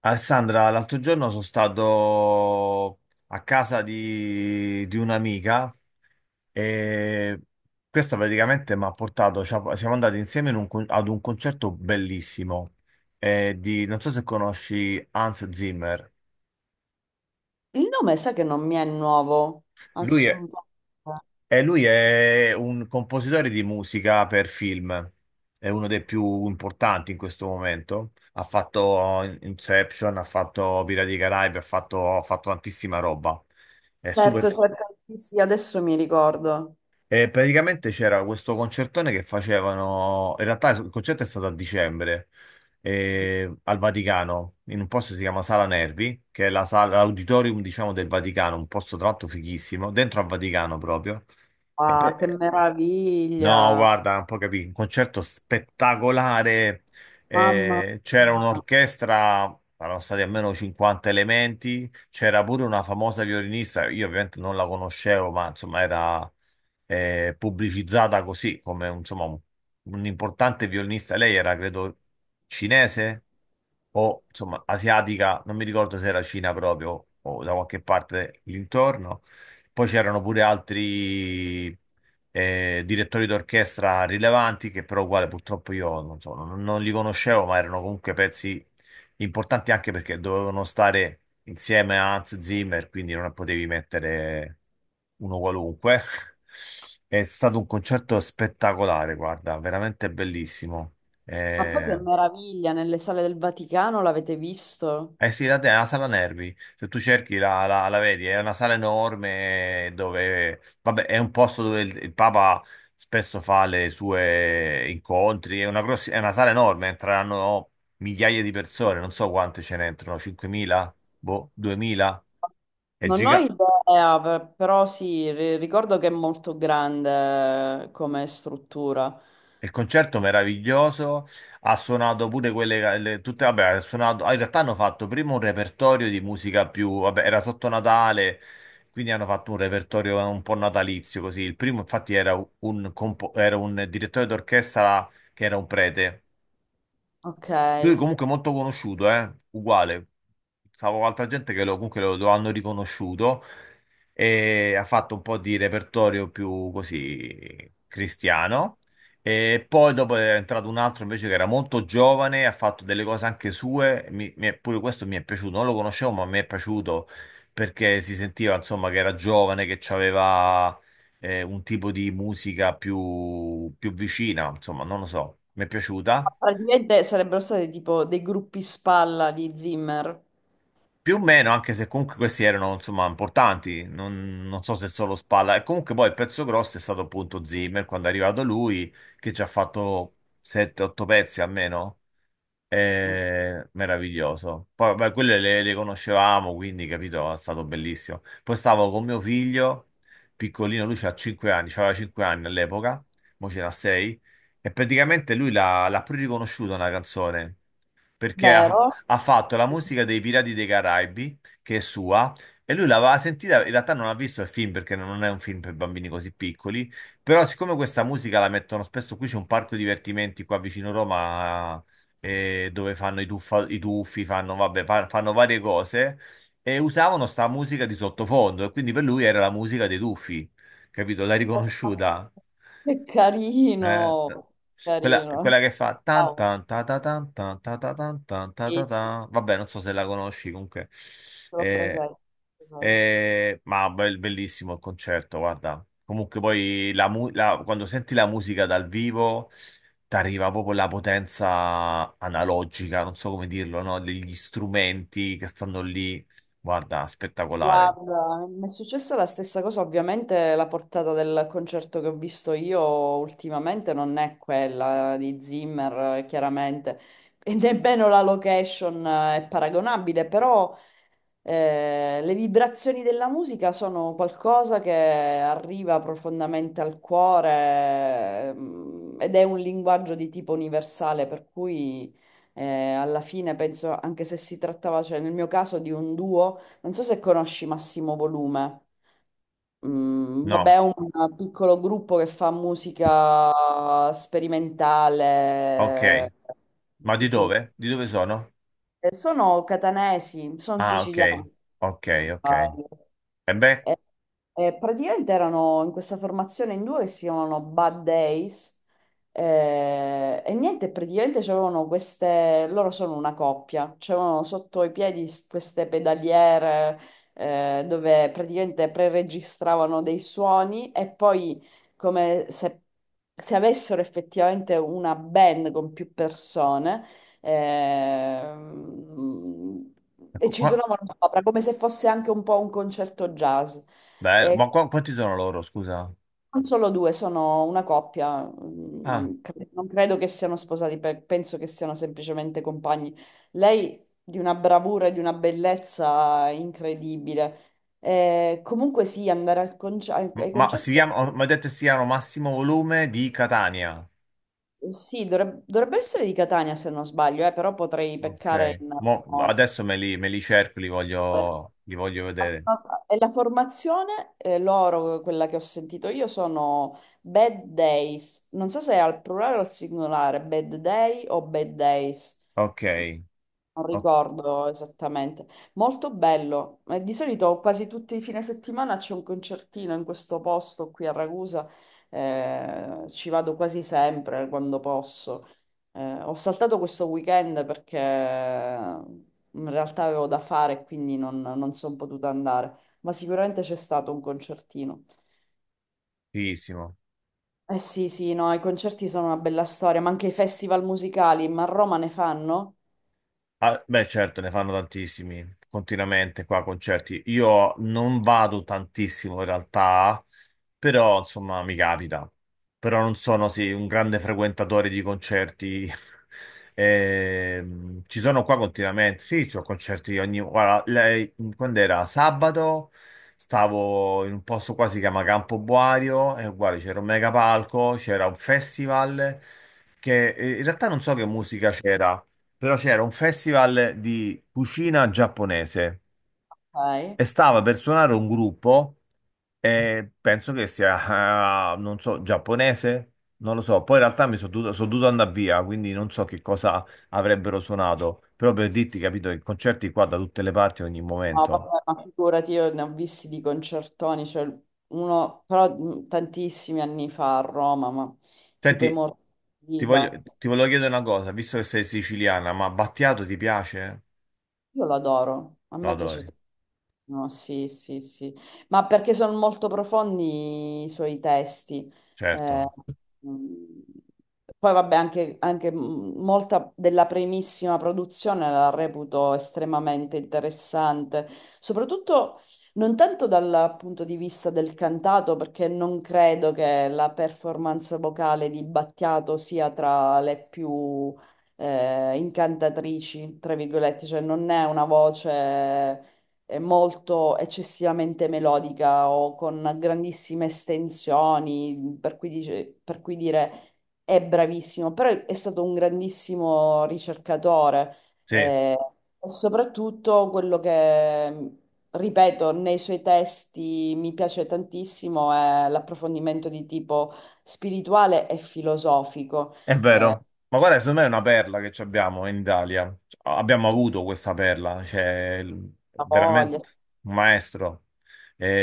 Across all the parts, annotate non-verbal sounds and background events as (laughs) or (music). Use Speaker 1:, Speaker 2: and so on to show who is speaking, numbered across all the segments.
Speaker 1: Alessandra, l'altro giorno sono stato a casa di un'amica e questa praticamente mi ha portato, siamo andati insieme ad un concerto bellissimo, non so se conosci Hans Zimmer.
Speaker 2: Il nome sa che non mi è nuovo,
Speaker 1: lui è,
Speaker 2: assolutamente.
Speaker 1: e lui è un compositore di musica per film, è uno dei più importanti in questo momento. Ha fatto Inception, ha fatto Pirati dei Caraibi, ha fatto tantissima roba. È super.
Speaker 2: Certo, certo, sì, sì, adesso mi ricordo.
Speaker 1: E praticamente c'era questo concertone che facevano. In realtà il concerto è stato a dicembre, al Vaticano, in un posto che si chiama Sala Nervi, che è la sala, l'auditorium, diciamo, del Vaticano, un posto tra l'altro fighissimo, dentro al Vaticano proprio. E
Speaker 2: Ah,
Speaker 1: per-
Speaker 2: che
Speaker 1: eh, No,
Speaker 2: meraviglia,
Speaker 1: guarda, non puoi capire, un concerto spettacolare.
Speaker 2: mamma
Speaker 1: C'era
Speaker 2: mia.
Speaker 1: un'orchestra, erano stati almeno 50 elementi, c'era pure una famosa violinista, io ovviamente non la conoscevo, ma insomma era, pubblicizzata così come insomma un importante violinista. Lei era, credo, cinese o insomma asiatica, non mi ricordo se era Cina proprio o da qualche parte l'intorno. Poi c'erano pure altri, direttori d'orchestra rilevanti che però uguale purtroppo io non so, non li conoscevo, ma erano comunque pezzi importante anche perché dovevano stare insieme a Hans Zimmer, quindi non potevi mettere uno qualunque. (laughs) È stato un concerto spettacolare, guarda, veramente bellissimo.
Speaker 2: Ma poi che
Speaker 1: Eh,
Speaker 2: meraviglia, nelle sale del Vaticano l'avete visto?
Speaker 1: Eh sì, da te è una sala nervi, se tu cerchi la vedi, è una sala enorme dove, vabbè, è un posto dove il Papa spesso fa le sue incontri, è una, è una sala enorme, entreranno migliaia di persone, non so quante ce ne entrano, 5.000, boh, 2.000, è
Speaker 2: Non ho
Speaker 1: gigante.
Speaker 2: idea, però sì, ricordo che è molto grande come struttura.
Speaker 1: Il concerto meraviglioso, ha suonato pure quelle, tutte, vabbè, ha suonato, ah, in realtà hanno fatto prima un repertorio di musica più, vabbè, era sotto Natale, quindi hanno fatto un repertorio un po' natalizio così. Il primo infatti era un, era un direttore d'orchestra che era un prete,
Speaker 2: Ok.
Speaker 1: lui
Speaker 2: Ma
Speaker 1: comunque è molto conosciuto, eh? Uguale. Stavo con altra gente che lo, comunque lo hanno riconosciuto e ha fatto un po' di repertorio più così cristiano. E poi dopo è entrato un altro invece che era molto giovane, ha fatto delle cose anche sue. Pure questo mi è piaciuto, non lo conoscevo, ma mi è piaciuto perché si sentiva insomma che era giovane, che aveva un tipo di musica più, più vicina, insomma, non lo so, mi è piaciuta.
Speaker 2: praticamente sarebbero stati tipo dei gruppi spalla di Zimmer,
Speaker 1: Più o meno, anche se comunque questi erano insomma importanti, non so se solo spalla. E comunque poi il pezzo grosso è stato appunto Zimmer quando è arrivato lui, che ci ha fatto 7-8 pezzi almeno. Meraviglioso. Poi vabbè, quelle le conoscevamo, quindi capito, è stato bellissimo. Poi stavo con mio figlio, piccolino, lui c'ha 5 anni, c'aveva 5 anni all'epoca, mo ce n'ha 6, e praticamente lui l'ha pure riconosciuta una canzone perché
Speaker 2: vero?
Speaker 1: ha fatto la musica dei Pirati dei Caraibi, che è sua, e lui l'aveva sentita, in realtà non ha visto il film perché non è un film per bambini così piccoli, però siccome questa musica la mettono spesso, qui c'è un parco divertimenti qua vicino Roma, dove fanno i tuffi, fanno, vabbè, fanno varie cose e usavano sta musica di sottofondo e quindi per lui era la musica dei tuffi, capito? L'ha riconosciuta.
Speaker 2: Che
Speaker 1: Eh,
Speaker 2: carino,
Speaker 1: t- Quella,
Speaker 2: carino.
Speaker 1: quella che fa tan
Speaker 2: Ciao,
Speaker 1: tan ta ta tan tan ta ta tan tan ta ta
Speaker 2: sì, sì,
Speaker 1: tan. Vabbè, non so se la conosci comunque.
Speaker 2: ce l'ho
Speaker 1: Eh,
Speaker 2: presente, presente.
Speaker 1: ma bellissimo il concerto, guarda. Comunque poi quando senti la musica dal vivo ti arriva proprio la potenza analogica, non so come dirlo, no? Degli strumenti che stanno lì. Guarda, spettacolare.
Speaker 2: Guarda, mi è successa la stessa cosa, ovviamente la portata del concerto che ho visto io ultimamente non è quella di Zimmer, chiaramente, e nemmeno la location è paragonabile, però le vibrazioni della musica sono qualcosa che arriva profondamente al cuore, ed è un linguaggio di tipo universale, per cui eh, alla fine penso, anche se si trattava, cioè nel mio caso, di un duo, non so se conosci Massimo Volume. Mm, vabbè,
Speaker 1: No,
Speaker 2: è un piccolo gruppo che fa musica
Speaker 1: ok.
Speaker 2: sperimentale,
Speaker 1: Ma di
Speaker 2: tutto un po'.
Speaker 1: dove? Di dove sono?
Speaker 2: Sono catanesi, sono
Speaker 1: Ah, ok.
Speaker 2: siciliani.
Speaker 1: Ok,
Speaker 2: Se non
Speaker 1: ok.
Speaker 2: sbaglio.
Speaker 1: E beh,
Speaker 2: E- e praticamente erano in questa formazione in due che si chiamano Bad Days e niente, praticamente c'erano queste, loro sono una coppia, c'erano sotto i piedi queste pedaliere dove praticamente preregistravano dei suoni e poi come se, se avessero effettivamente una band con più persone. Ehm, e
Speaker 1: ecco
Speaker 2: ci
Speaker 1: qua.
Speaker 2: suonavano sopra come se fosse anche un po' un concerto jazz.
Speaker 1: Bello.
Speaker 2: E
Speaker 1: Ma qua, quanti sono loro, scusa?
Speaker 2: non solo due, sono una coppia, mm,
Speaker 1: Ah,
Speaker 2: non, non credo che siano sposati, penso che siano semplicemente compagni. Lei di una bravura e di una bellezza incredibile. Comunque sì, andare al ai ai
Speaker 1: ma si
Speaker 2: concerti,
Speaker 1: chiamano, mi ha detto si chiamano Massimo Volume di Catania.
Speaker 2: sì, dovrebbe essere di Catania se non sbaglio, però potrei
Speaker 1: Ok.
Speaker 2: peccare in memoria.
Speaker 1: Adesso me li cerco, li voglio vedere.
Speaker 2: E la formazione, loro, quella che ho sentito io, sono bad days. Non so se è al plurale o al singolare, bad day o bad days.
Speaker 1: Ok.
Speaker 2: Non ricordo esattamente. Molto bello. Di solito quasi tutti i fine settimana c'è un concertino in questo posto qui a Ragusa. Ci vado quasi sempre quando posso. Ho saltato questo weekend perché in realtà avevo da fare e quindi non sono potuta andare. Ma sicuramente c'è stato un concertino.
Speaker 1: Ottissimo.
Speaker 2: Eh sì, sì, no, i concerti sono una bella storia, ma anche i festival musicali, ma a Roma ne fanno?
Speaker 1: Ah, beh, certo, ne fanno tantissimi continuamente qua concerti. Io non vado tantissimo in realtà, però insomma mi capita. Però non sono sì, un grande frequentatore di concerti. (laughs) Ci sono qua continuamente. Sì, ci sono concerti ogni... Guarda, quando era sabato stavo in un posto qua si chiama Campo Boario e guarda, c'era un mega palco, c'era un festival che, in realtà non so che musica c'era, però c'era un festival di cucina giapponese
Speaker 2: Ok.
Speaker 1: e stava per suonare un gruppo, e penso che sia, ah, non so, giapponese, non lo so. Poi in realtà sono dovuto andare via, quindi non so che cosa avrebbero suonato, però per dirti, capito, i concerti qua da tutte le parti, ogni
Speaker 2: No,
Speaker 1: momento.
Speaker 2: vabbè, ma figurati, io ne ho visti di concertoni, cioè uno, però tantissimi anni fa a Roma, ma tipo i
Speaker 1: Senti,
Speaker 2: Morti di
Speaker 1: ti voglio,
Speaker 2: Liba.
Speaker 1: ti volevo chiedere una cosa, visto che sei siciliana, ma Battiato ti piace?
Speaker 2: Io l'adoro, a
Speaker 1: Lo
Speaker 2: me piace
Speaker 1: adori,
Speaker 2: tantissimo, sì, sì, sì, ma perché sono molto profondi i suoi testi. Eh,
Speaker 1: certo.
Speaker 2: mh, poi vabbè, anche, anche molta della primissima produzione la reputo estremamente interessante, soprattutto non tanto dal punto di vista del cantato, perché non credo che la performance vocale di Battiato sia tra le più incantatrici, tra virgolette, cioè non è una voce molto eccessivamente melodica o con grandissime estensioni, per cui, per cui dire è bravissimo, però è stato un grandissimo ricercatore
Speaker 1: Sì.
Speaker 2: eh, e soprattutto quello che... Ripeto, nei suoi testi mi piace tantissimo è l'approfondimento di tipo spirituale e filosofico.
Speaker 1: È vero, ma guarda, secondo me è una perla che ci abbiamo in Italia. Cioè,
Speaker 2: Sì,
Speaker 1: abbiamo
Speaker 2: sì,
Speaker 1: avuto questa perla,
Speaker 2: la voglia,
Speaker 1: veramente un maestro.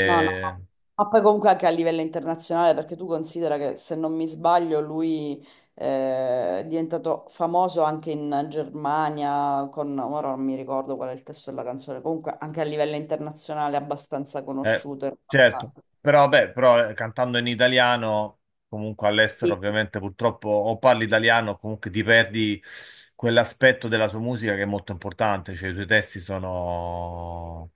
Speaker 2: no, no, no. Ma poi comunque anche a livello internazionale, perché tu considera che se non mi sbaglio lui è diventato famoso anche in Germania, con, ora non mi ricordo qual è il testo della canzone, comunque anche a livello internazionale è abbastanza
Speaker 1: eh,
Speaker 2: conosciuto. In
Speaker 1: certo,
Speaker 2: realtà.
Speaker 1: però vabbè, però cantando in italiano, comunque all'estero
Speaker 2: Sì,
Speaker 1: ovviamente purtroppo o parli italiano o comunque ti perdi quell'aspetto della sua musica che è molto importante, cioè i suoi testi sono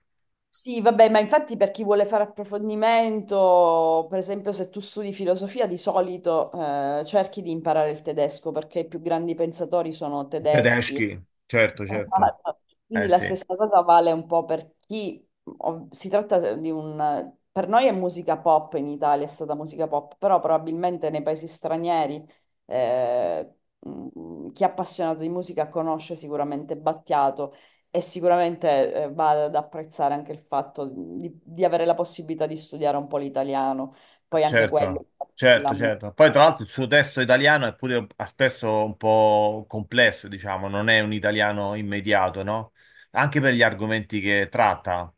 Speaker 2: sì, vabbè, ma infatti per chi vuole fare approfondimento, per esempio se tu studi filosofia, di solito cerchi di imparare il tedesco perché i più grandi pensatori sono tedeschi.
Speaker 1: tedeschi, certo, certo.
Speaker 2: Esatto. Quindi
Speaker 1: Eh
Speaker 2: la
Speaker 1: sì.
Speaker 2: stessa cosa vale un po' per chi si tratta di un per noi è musica pop in Italia, è stata musica pop, però probabilmente nei paesi stranieri eh, chi è appassionato di musica conosce sicuramente Battiato e sicuramente va ad apprezzare anche il fatto di avere la possibilità di studiare un po' l'italiano, poi anche quello,
Speaker 1: Certo,
Speaker 2: la musica.
Speaker 1: certo. Poi tra l'altro il suo testo italiano è pure spesso un po' complesso, diciamo, non è un italiano immediato, no? Anche per gli argomenti che tratta.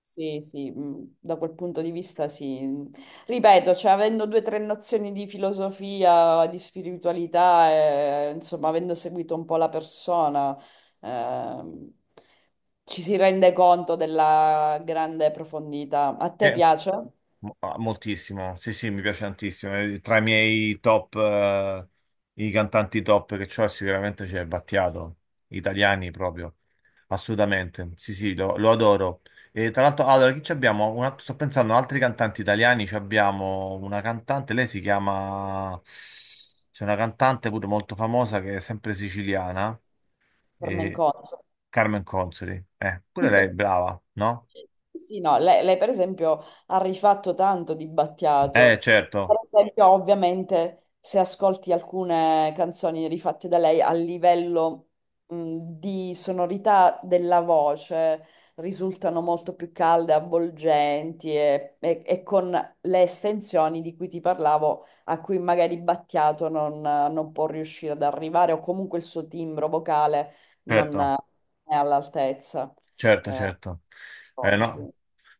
Speaker 2: Sì, sì, da quel punto di vista sì. Ripeto, cioè, avendo 2 o 3 nozioni di filosofia, di spiritualità, insomma, avendo seguito un po' la persona, ehm, ci si rende conto della grande profondità. A te piace?
Speaker 1: Moltissimo, sì, sì, mi piace tantissimo. Tra i miei top, i cantanti top che c'ho, sicuramente c'è Battiato, italiani proprio, assolutamente. Sì, sì, lo adoro. E tra l'altro, allora, chi ci abbiamo? Sto pensando, a altri cantanti italiani, ci abbiamo una cantante, lei si chiama... C'è una cantante pure molto famosa che è sempre siciliana,
Speaker 2: Carmen
Speaker 1: e
Speaker 2: Conso?
Speaker 1: Carmen Consoli. Pure lei è
Speaker 2: (laughs)
Speaker 1: brava, no?
Speaker 2: Sì, sì, no, lei, per esempio ha rifatto tanto di Battiato. Per
Speaker 1: Certo,
Speaker 2: esempio, ovviamente, se ascolti alcune canzoni rifatte da lei a livello di sonorità della voce risultano molto più calde, avvolgenti e, e con le estensioni di cui ti parlavo, a cui magari Battiato non può riuscire ad arrivare o comunque il suo timbro vocale non
Speaker 1: certo.
Speaker 2: è all'altezza.
Speaker 1: Certo,
Speaker 2: Eh,
Speaker 1: certo.
Speaker 2: cose, sì.
Speaker 1: No.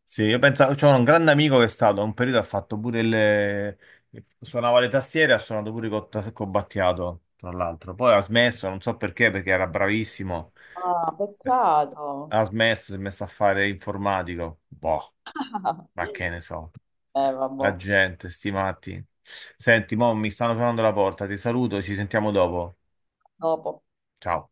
Speaker 1: Sì, io pensavo, c'ho un grande amico che è stato, a un periodo ha fatto pure il... suonava le tastiere, ha suonato pure con Battiato, tra l'altro. Poi ha smesso, non so perché, perché era bravissimo.
Speaker 2: Ah,
Speaker 1: Eh,
Speaker 2: peccato.
Speaker 1: Ha smesso, si è messo a fare informatico. Boh, ma che
Speaker 2: (laughs)
Speaker 1: ne so.
Speaker 2: Vabbè,
Speaker 1: La gente, sti matti. Senti, mo mi stanno suonando la porta, ti saluto, ci sentiamo dopo.
Speaker 2: dopo.
Speaker 1: Ciao.